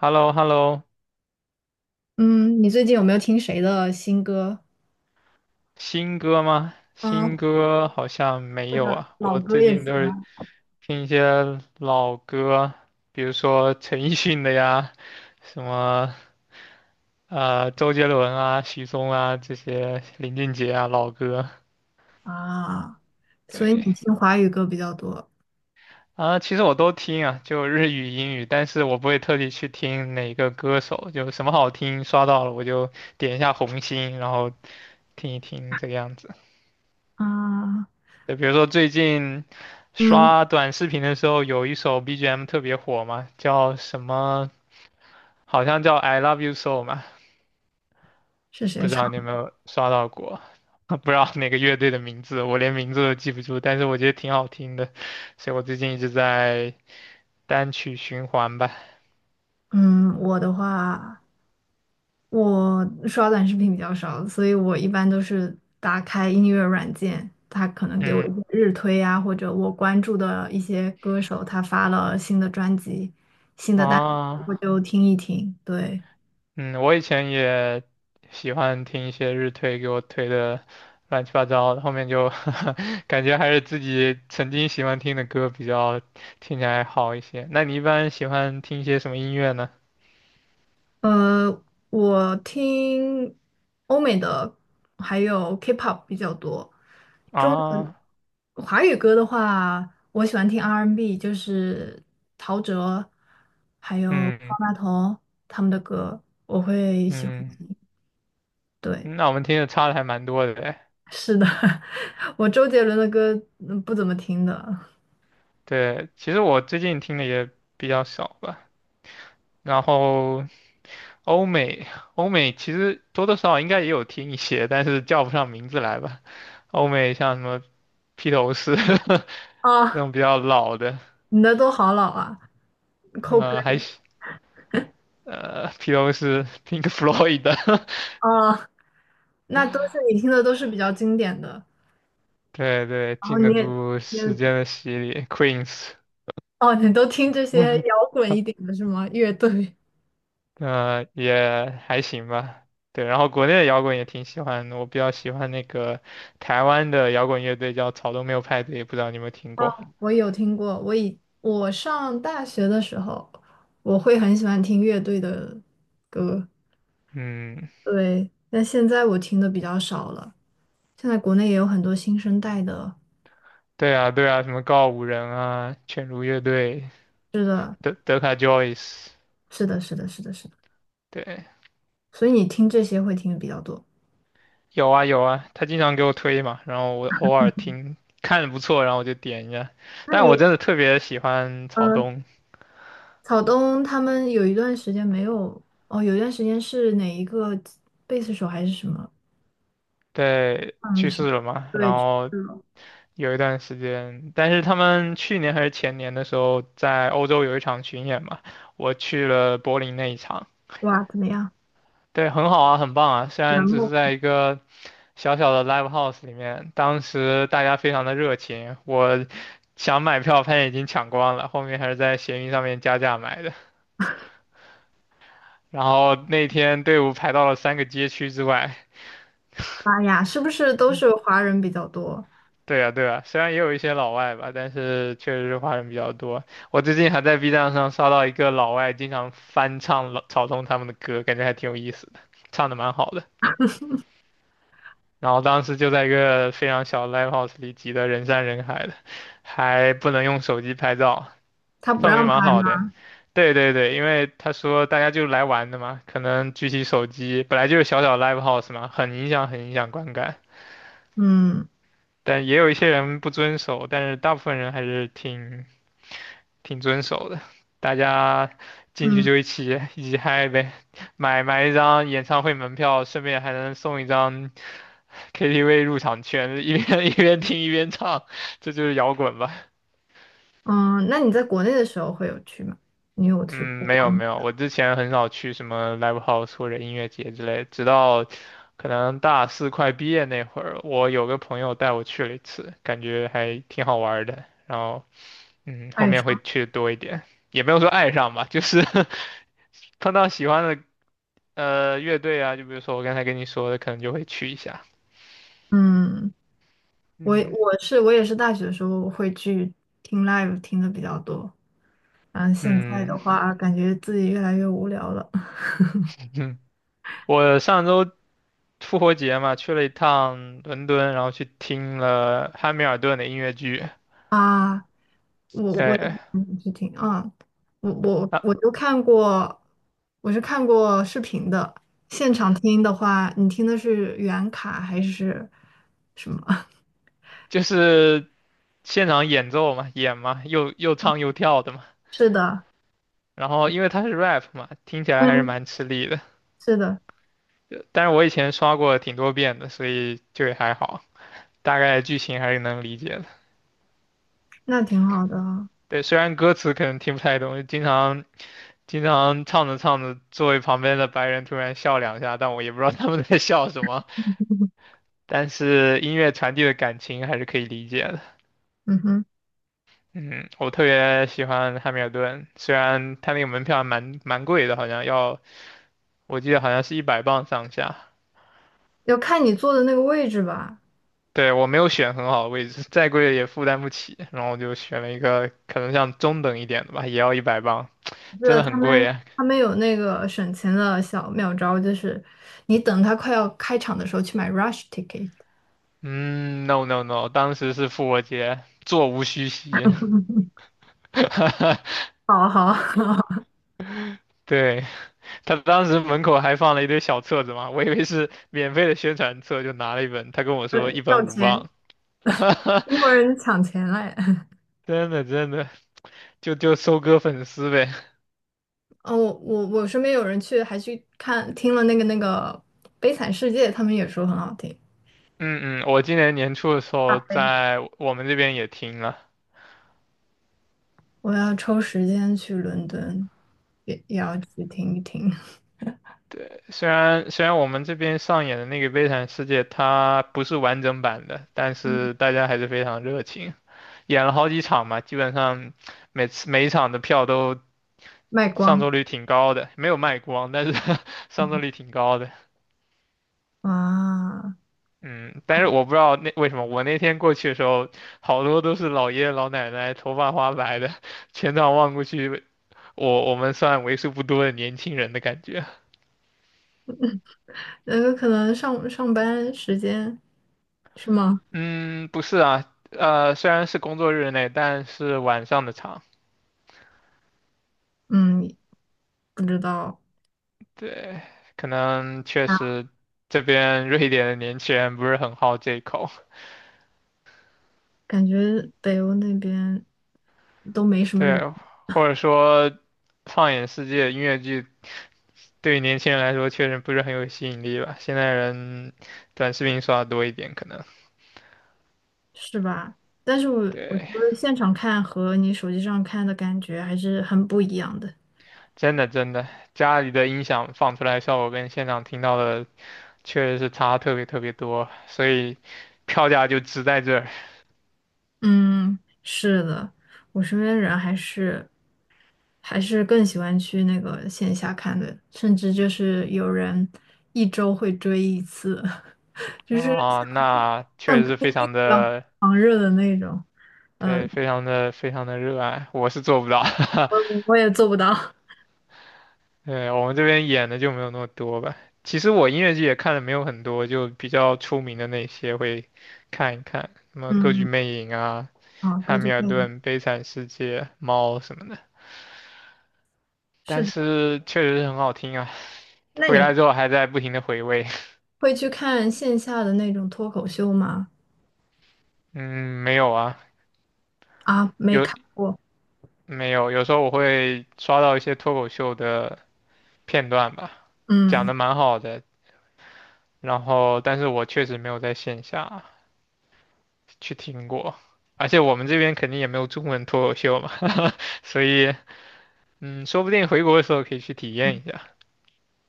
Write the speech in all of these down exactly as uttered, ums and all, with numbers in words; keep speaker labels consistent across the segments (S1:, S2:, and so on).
S1: h e l l o h e l l o
S2: 嗯，你最近有没有听谁的新歌？
S1: 新歌吗？新
S2: 嗯。
S1: 歌好像没
S2: 或
S1: 有
S2: 者
S1: 啊，
S2: 老
S1: 我
S2: 歌
S1: 最
S2: 也
S1: 近
S2: 行
S1: 都是
S2: 啊。
S1: 听一些老歌，比如说陈奕迅的呀，什么呃周杰伦啊、许嵩啊这些，林俊杰啊老歌。
S2: 啊？所以
S1: 对
S2: 你听华语歌比较多
S1: 啊，其实我都听啊，就日语、英语，但是我不会特地去听哪个歌手，就什么好听刷到了我就点一下红心，然后听一听这个样子。
S2: 啊？
S1: 就比如说最近
S2: 嗯，
S1: 刷短视频的时候，有一首 B G M 特别火嘛，叫什么？好像叫《I Love You So》嘛，
S2: 是谁
S1: 不知
S2: 唱？
S1: 道你有没有刷到过？不知道哪个乐队的名字，我连名字都记不住，但是我觉得挺好听的，所以我最近一直在单曲循环吧。
S2: 嗯，我的话，我刷短视频比较少，所以我一般都是打开音乐软件，它可能给我
S1: 嗯，
S2: 一些日推啊，或者我关注的一些歌手他发了新的专辑、新的单曲，我
S1: 啊，
S2: 就听一听。对，
S1: 嗯，我以前也喜欢听一些日推给我推的乱七八糟的，后面就 感觉还是自己曾经喜欢听的歌比较听起来好一些。那你一般喜欢听一些什么音乐呢？
S2: 呃，我听欧美的还有 K-pop 比较多。
S1: 啊，
S2: 华语歌的话，我喜欢听 R and B，就是陶喆还有
S1: 嗯
S2: 方大同他们的歌，我会喜欢。
S1: 嗯，
S2: 对，
S1: 那我们听的差的还蛮多的诶。
S2: 是的，我周杰伦的歌嗯不怎么听的。
S1: 对，其实我最近听的也比较少吧。然后欧美欧美其实多多少少应该也有听一些，但是叫不上名字来吧。欧美像什么披头士 那
S2: 啊，
S1: 种比较老的，
S2: 你的都好老啊
S1: 呃，还
S2: ，Coldplay
S1: 是呃披头士 Pink Floyd 的，
S2: 啊，那都是你听的都是比较经典的，
S1: 对对，
S2: 然后
S1: 经得
S2: 你也。
S1: 住时间的洗礼，Queens，
S2: 哦，你都听这些摇 滚一点的是吗？乐队？
S1: 呃，也还行吧。对，然后国内的摇滚也挺喜欢的，我比较喜欢那个台湾的摇滚乐队叫草东没有派对，不知道你有没有听过？
S2: 哦，我有听过。我以我上大学的时候，我会很喜欢听乐队的歌，
S1: 嗯，
S2: 对。但现在我听的比较少了。现在国内也有很多新生代的，
S1: 对啊，对啊，什么告五人啊，犬儒乐队，德德卡 Joyce，
S2: 是的，是的，是的，是的。
S1: 对，
S2: 所以你听这些会听的比较多。
S1: 有啊有啊，他经常给我推嘛，然后我偶尔听，看着不错，然后我就点一下。
S2: 那
S1: 但
S2: 你，
S1: 我真的特别喜欢草
S2: 嗯，
S1: 东，
S2: 草东他们有一段时间没有，哦，有一段时间是哪一个贝斯手还是什么？
S1: 对，
S2: 嗯，
S1: 去
S2: 什么？
S1: 世了嘛，然
S2: 对，去
S1: 后
S2: 世了。
S1: 有一段时间，但是他们去年还是前年的时候，在欧洲有一场巡演嘛，我去了柏林那一场，
S2: 哇，怎么样？
S1: 对，很好啊，很棒啊，虽
S2: 圆
S1: 然只
S2: 梦。
S1: 是在一个。小小的 live house 里面，当时大家非常的热情，我想买票，发现已经抢光了，后面还是在闲鱼上面加价买的。然后那天队伍排到了三个街区之外。
S2: 妈呀，是不是都是华人比较多？
S1: 对啊，对啊，虽然也有一些老外吧，但是确实是华人比较多。我最近还在 B 站上刷到一个老外经常翻唱老草东他们的歌，感觉还挺有意思的，唱的蛮好的。然后当时就在一个非常小的 live house 里挤得人山人海的，还不能用手机拍照。
S2: 他不
S1: 氛围
S2: 让
S1: 蛮
S2: 拍
S1: 好的。
S2: 吗？
S1: 对对对，因为他说大家就来玩的嘛，可能举起手机，本来就是小小 live house 嘛，很影响很影响观感。
S2: 嗯
S1: 但也有一些人不遵守，但是大部分人还是挺挺遵守的。大家进去
S2: 嗯
S1: 就一起一起嗨呗，买买一张演唱会门票，顺便还能送一张 K T V 入场券，一边 一边听一边唱，这就是摇滚吧。
S2: 嗯。那你在国内的时候会有去吗？你有去
S1: 嗯，
S2: 过
S1: 没
S2: 国
S1: 有
S2: 内
S1: 没有，我之前很少去什么 live house 或者音乐节之类，直到可能大四快毕业那会儿，我有个朋友带我去了一次，感觉还挺好玩儿的。然后，嗯，后
S2: 爱
S1: 面
S2: 上？
S1: 会去多一点，也没有说爱上吧，就是 碰到喜欢的呃乐队啊，就比如说我刚才跟你说的，可能就会去一下。
S2: 嗯，我
S1: 嗯
S2: 我是我也是大学的时候会去听 live 听的比较多，然后现在的
S1: 嗯
S2: 话感觉自己越来越无聊了
S1: 嗯，我上周复活节嘛，去了一趟伦敦，然后去听了汉密尔顿的音乐剧，
S2: 啊。我我也
S1: 对。
S2: 嗯是听啊，我我
S1: 啊，
S2: 我都看过，我是看过视频的。现场听的话，你听的是原卡还是什么？
S1: 就是现场演奏嘛，演嘛，又又唱又跳的嘛。
S2: 是的，
S1: 然后因为他是 rap 嘛，听起来还是
S2: 嗯，
S1: 蛮吃力的。
S2: 是的，
S1: 呃但是我以前刷过挺多遍的，所以就也还好，大概剧情还是能理解的。
S2: 那挺好的啊。
S1: 对，虽然歌词可能听不太懂，经常经常唱着唱着，座位旁边的白人突然笑两下，但我也不知道他们在笑什么。但是音乐传递的感情还是可以理解的。
S2: 嗯哼，
S1: 嗯，我特别喜欢汉密尔顿，虽然他那个门票还蛮蛮贵的，好像要我记得好像是一百磅上下。
S2: 要看你坐的那个位置吧。
S1: 对，我没有选很好的位置，再贵也负担不起，然后我就选了一个可能像中等一点的吧，也要一百磅，
S2: 我记
S1: 真
S2: 得
S1: 的
S2: 他
S1: 很贵
S2: 们
S1: 啊。
S2: 他们有那个省钱的小妙招，就是你等他快要开场的时候去买 rush ticket。
S1: 嗯，no no no，当时是复活节，座无虚席。
S2: 好啊好啊，
S1: 对，他当时门口还放了一堆小册子嘛，我以为是免费的宣传册，就拿了一本。他跟我说
S2: 呃
S1: 一本
S2: 要
S1: 五
S2: 钱，
S1: 磅，
S2: 英国人抢钱嘞。
S1: 真的真的，就就收割粉丝呗。
S2: 嗯，我我我身边有人去还去看听了那个那个《悲惨世界》，他们也说很好听。
S1: 嗯嗯，我今年年初的时
S2: 大
S1: 候
S2: 悲，
S1: 在我们这边也听了。
S2: 我要抽时间去伦敦，也也要去听一听。
S1: 虽然虽然我们这边上演的那个《悲惨世界》它不是完整版的，但是
S2: 嗯，
S1: 大家还是非常热情，演了好几场嘛，基本上每次每一场的票都
S2: 卖
S1: 上
S2: 光
S1: 座率挺高的，没有卖光，但是 上座率挺高的。
S2: 啊，
S1: 嗯，但是我不知道那为什么，我那天过去的时候，好多都是老爷爷老奶奶，头发花白的，全场望过去，我我们算为数不多的年轻人的感觉。
S2: 那个可能上上班时间是吗？
S1: 嗯，不是啊，呃，虽然是工作日内，但是晚上的场，
S2: 嗯，不知道，
S1: 对，可能确实这边瑞典的年轻人不是很好这一口，
S2: 感觉北欧那边都没什么
S1: 对，
S2: 人，
S1: 或者说放眼世界，音乐剧对于年轻人来说确实不是很有吸引力吧，现在人短视频刷的多一点，可能，
S2: 是吧？但是我我觉
S1: 对，
S2: 得现场看和你手机上看的感觉还是很不一样的。
S1: 真的真的，家里的音响放出来的效果跟现场听到的确实是差特别特别多，所以票价就值在这儿。
S2: 嗯，是的，我身边人还是还是更喜欢去那个线下看的，甚至就是有人一周会追一次，就是
S1: 啊，那确
S2: 像像
S1: 实是
S2: 追
S1: 非
S2: 星
S1: 常
S2: 一样
S1: 的，
S2: 狂热的那种。
S1: 对，
S2: 嗯，
S1: 非常的非常的热爱，我是做不到，
S2: 我也做不到。
S1: 对，我们这边演的就没有那么多吧。其实我音乐剧也看的没有很多，就比较出名的那些会看一看，什么《歌剧
S2: 嗯，
S1: 魅影》啊、
S2: 啊，歌
S1: 《汉密
S2: 剧
S1: 尔
S2: 魅影
S1: 顿》《悲惨世界》《猫》什么的。
S2: 是
S1: 但
S2: 的。
S1: 是确实是很好听啊，
S2: 那
S1: 回
S2: 你
S1: 来之后还在不停的回味。
S2: 会去看线下的那种脱口秀吗？
S1: 嗯，没有啊，
S2: 啊，没
S1: 有
S2: 看过。
S1: 没有？有时候我会刷到一些脱口秀的片段吧，讲的
S2: 嗯。
S1: 蛮好的，然后但是我确实没有在线下去听过，而且我们这边肯定也没有中文脱口秀嘛，所以嗯，说不定回国的时候可以去体验一下。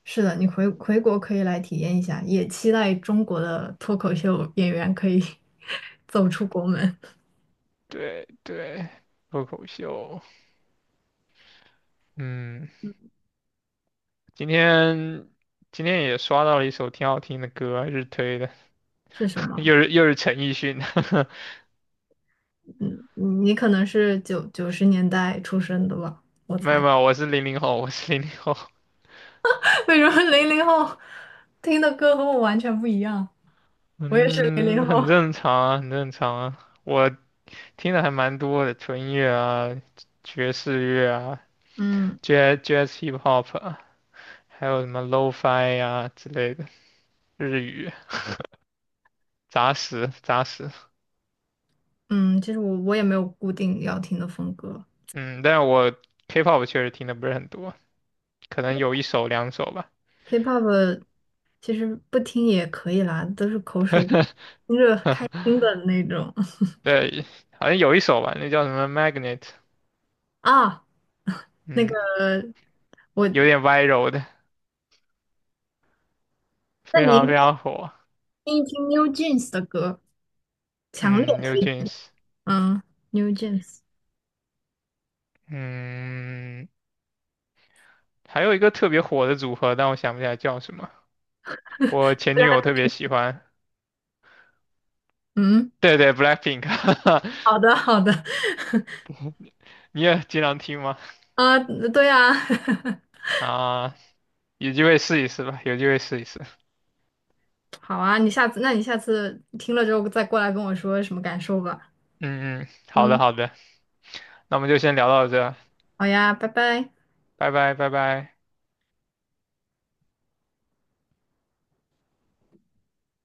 S2: 是的，你回回国可以来体验一下，也期待中国的脱口秀演员可以 走出国门。
S1: 对对，脱口秀，嗯，今天今天也刷到了一首挺好听的歌，日推的，
S2: 是什 么？
S1: 又是又是陈奕迅的，
S2: 嗯，你你可能是九九十年代出生的吧？
S1: 没有没有，我是零零后，我是零零后，
S2: 为什么零零后听的歌和我完全不一样？我也是零
S1: 嗯，
S2: 零后。
S1: 很 正常啊，很正常啊，我听的还蛮多的，纯音乐啊，爵士乐啊。
S2: 嗯
S1: jazz jazz hip hop，啊还有什么 lo-fi 呀之类的日语杂食杂食。
S2: 嗯，其实我我也没有固定要听的风格
S1: 嗯，但是我 K-pop 确实听的不是很多，可能有一首两首吧。
S2: ，K-pop 其实不听也可以啦，都是口水，听着开心的 那种
S1: 对，好像有一首吧，那叫什么 Magnet，
S2: 啊。那个
S1: 嗯，
S2: 我，
S1: 有点 viral 的，
S2: 那
S1: 非常
S2: 您。
S1: 非常火。
S2: 听一听 New Jeans 的歌，强烈
S1: 嗯，New
S2: 推荐。
S1: Jeans，
S2: 嗯。New Jeans。
S1: 嗯，还有一个特别火的组合，但我想不起来叫什么。我前女友特别喜欢，
S2: 嗯，
S1: 对对，Blackpink，
S2: 好的，好的。
S1: 你也经常听吗？
S2: 啊，对啊，
S1: 啊，有机会试一试吧，有机会试一试。
S2: 好啊，你下次，那你下次听了之后再过来跟我说什么感受吧。
S1: 嗯嗯，好的
S2: 嗯，
S1: 好的，那我们就先聊到这，
S2: 好呀，拜拜。
S1: 拜拜拜拜。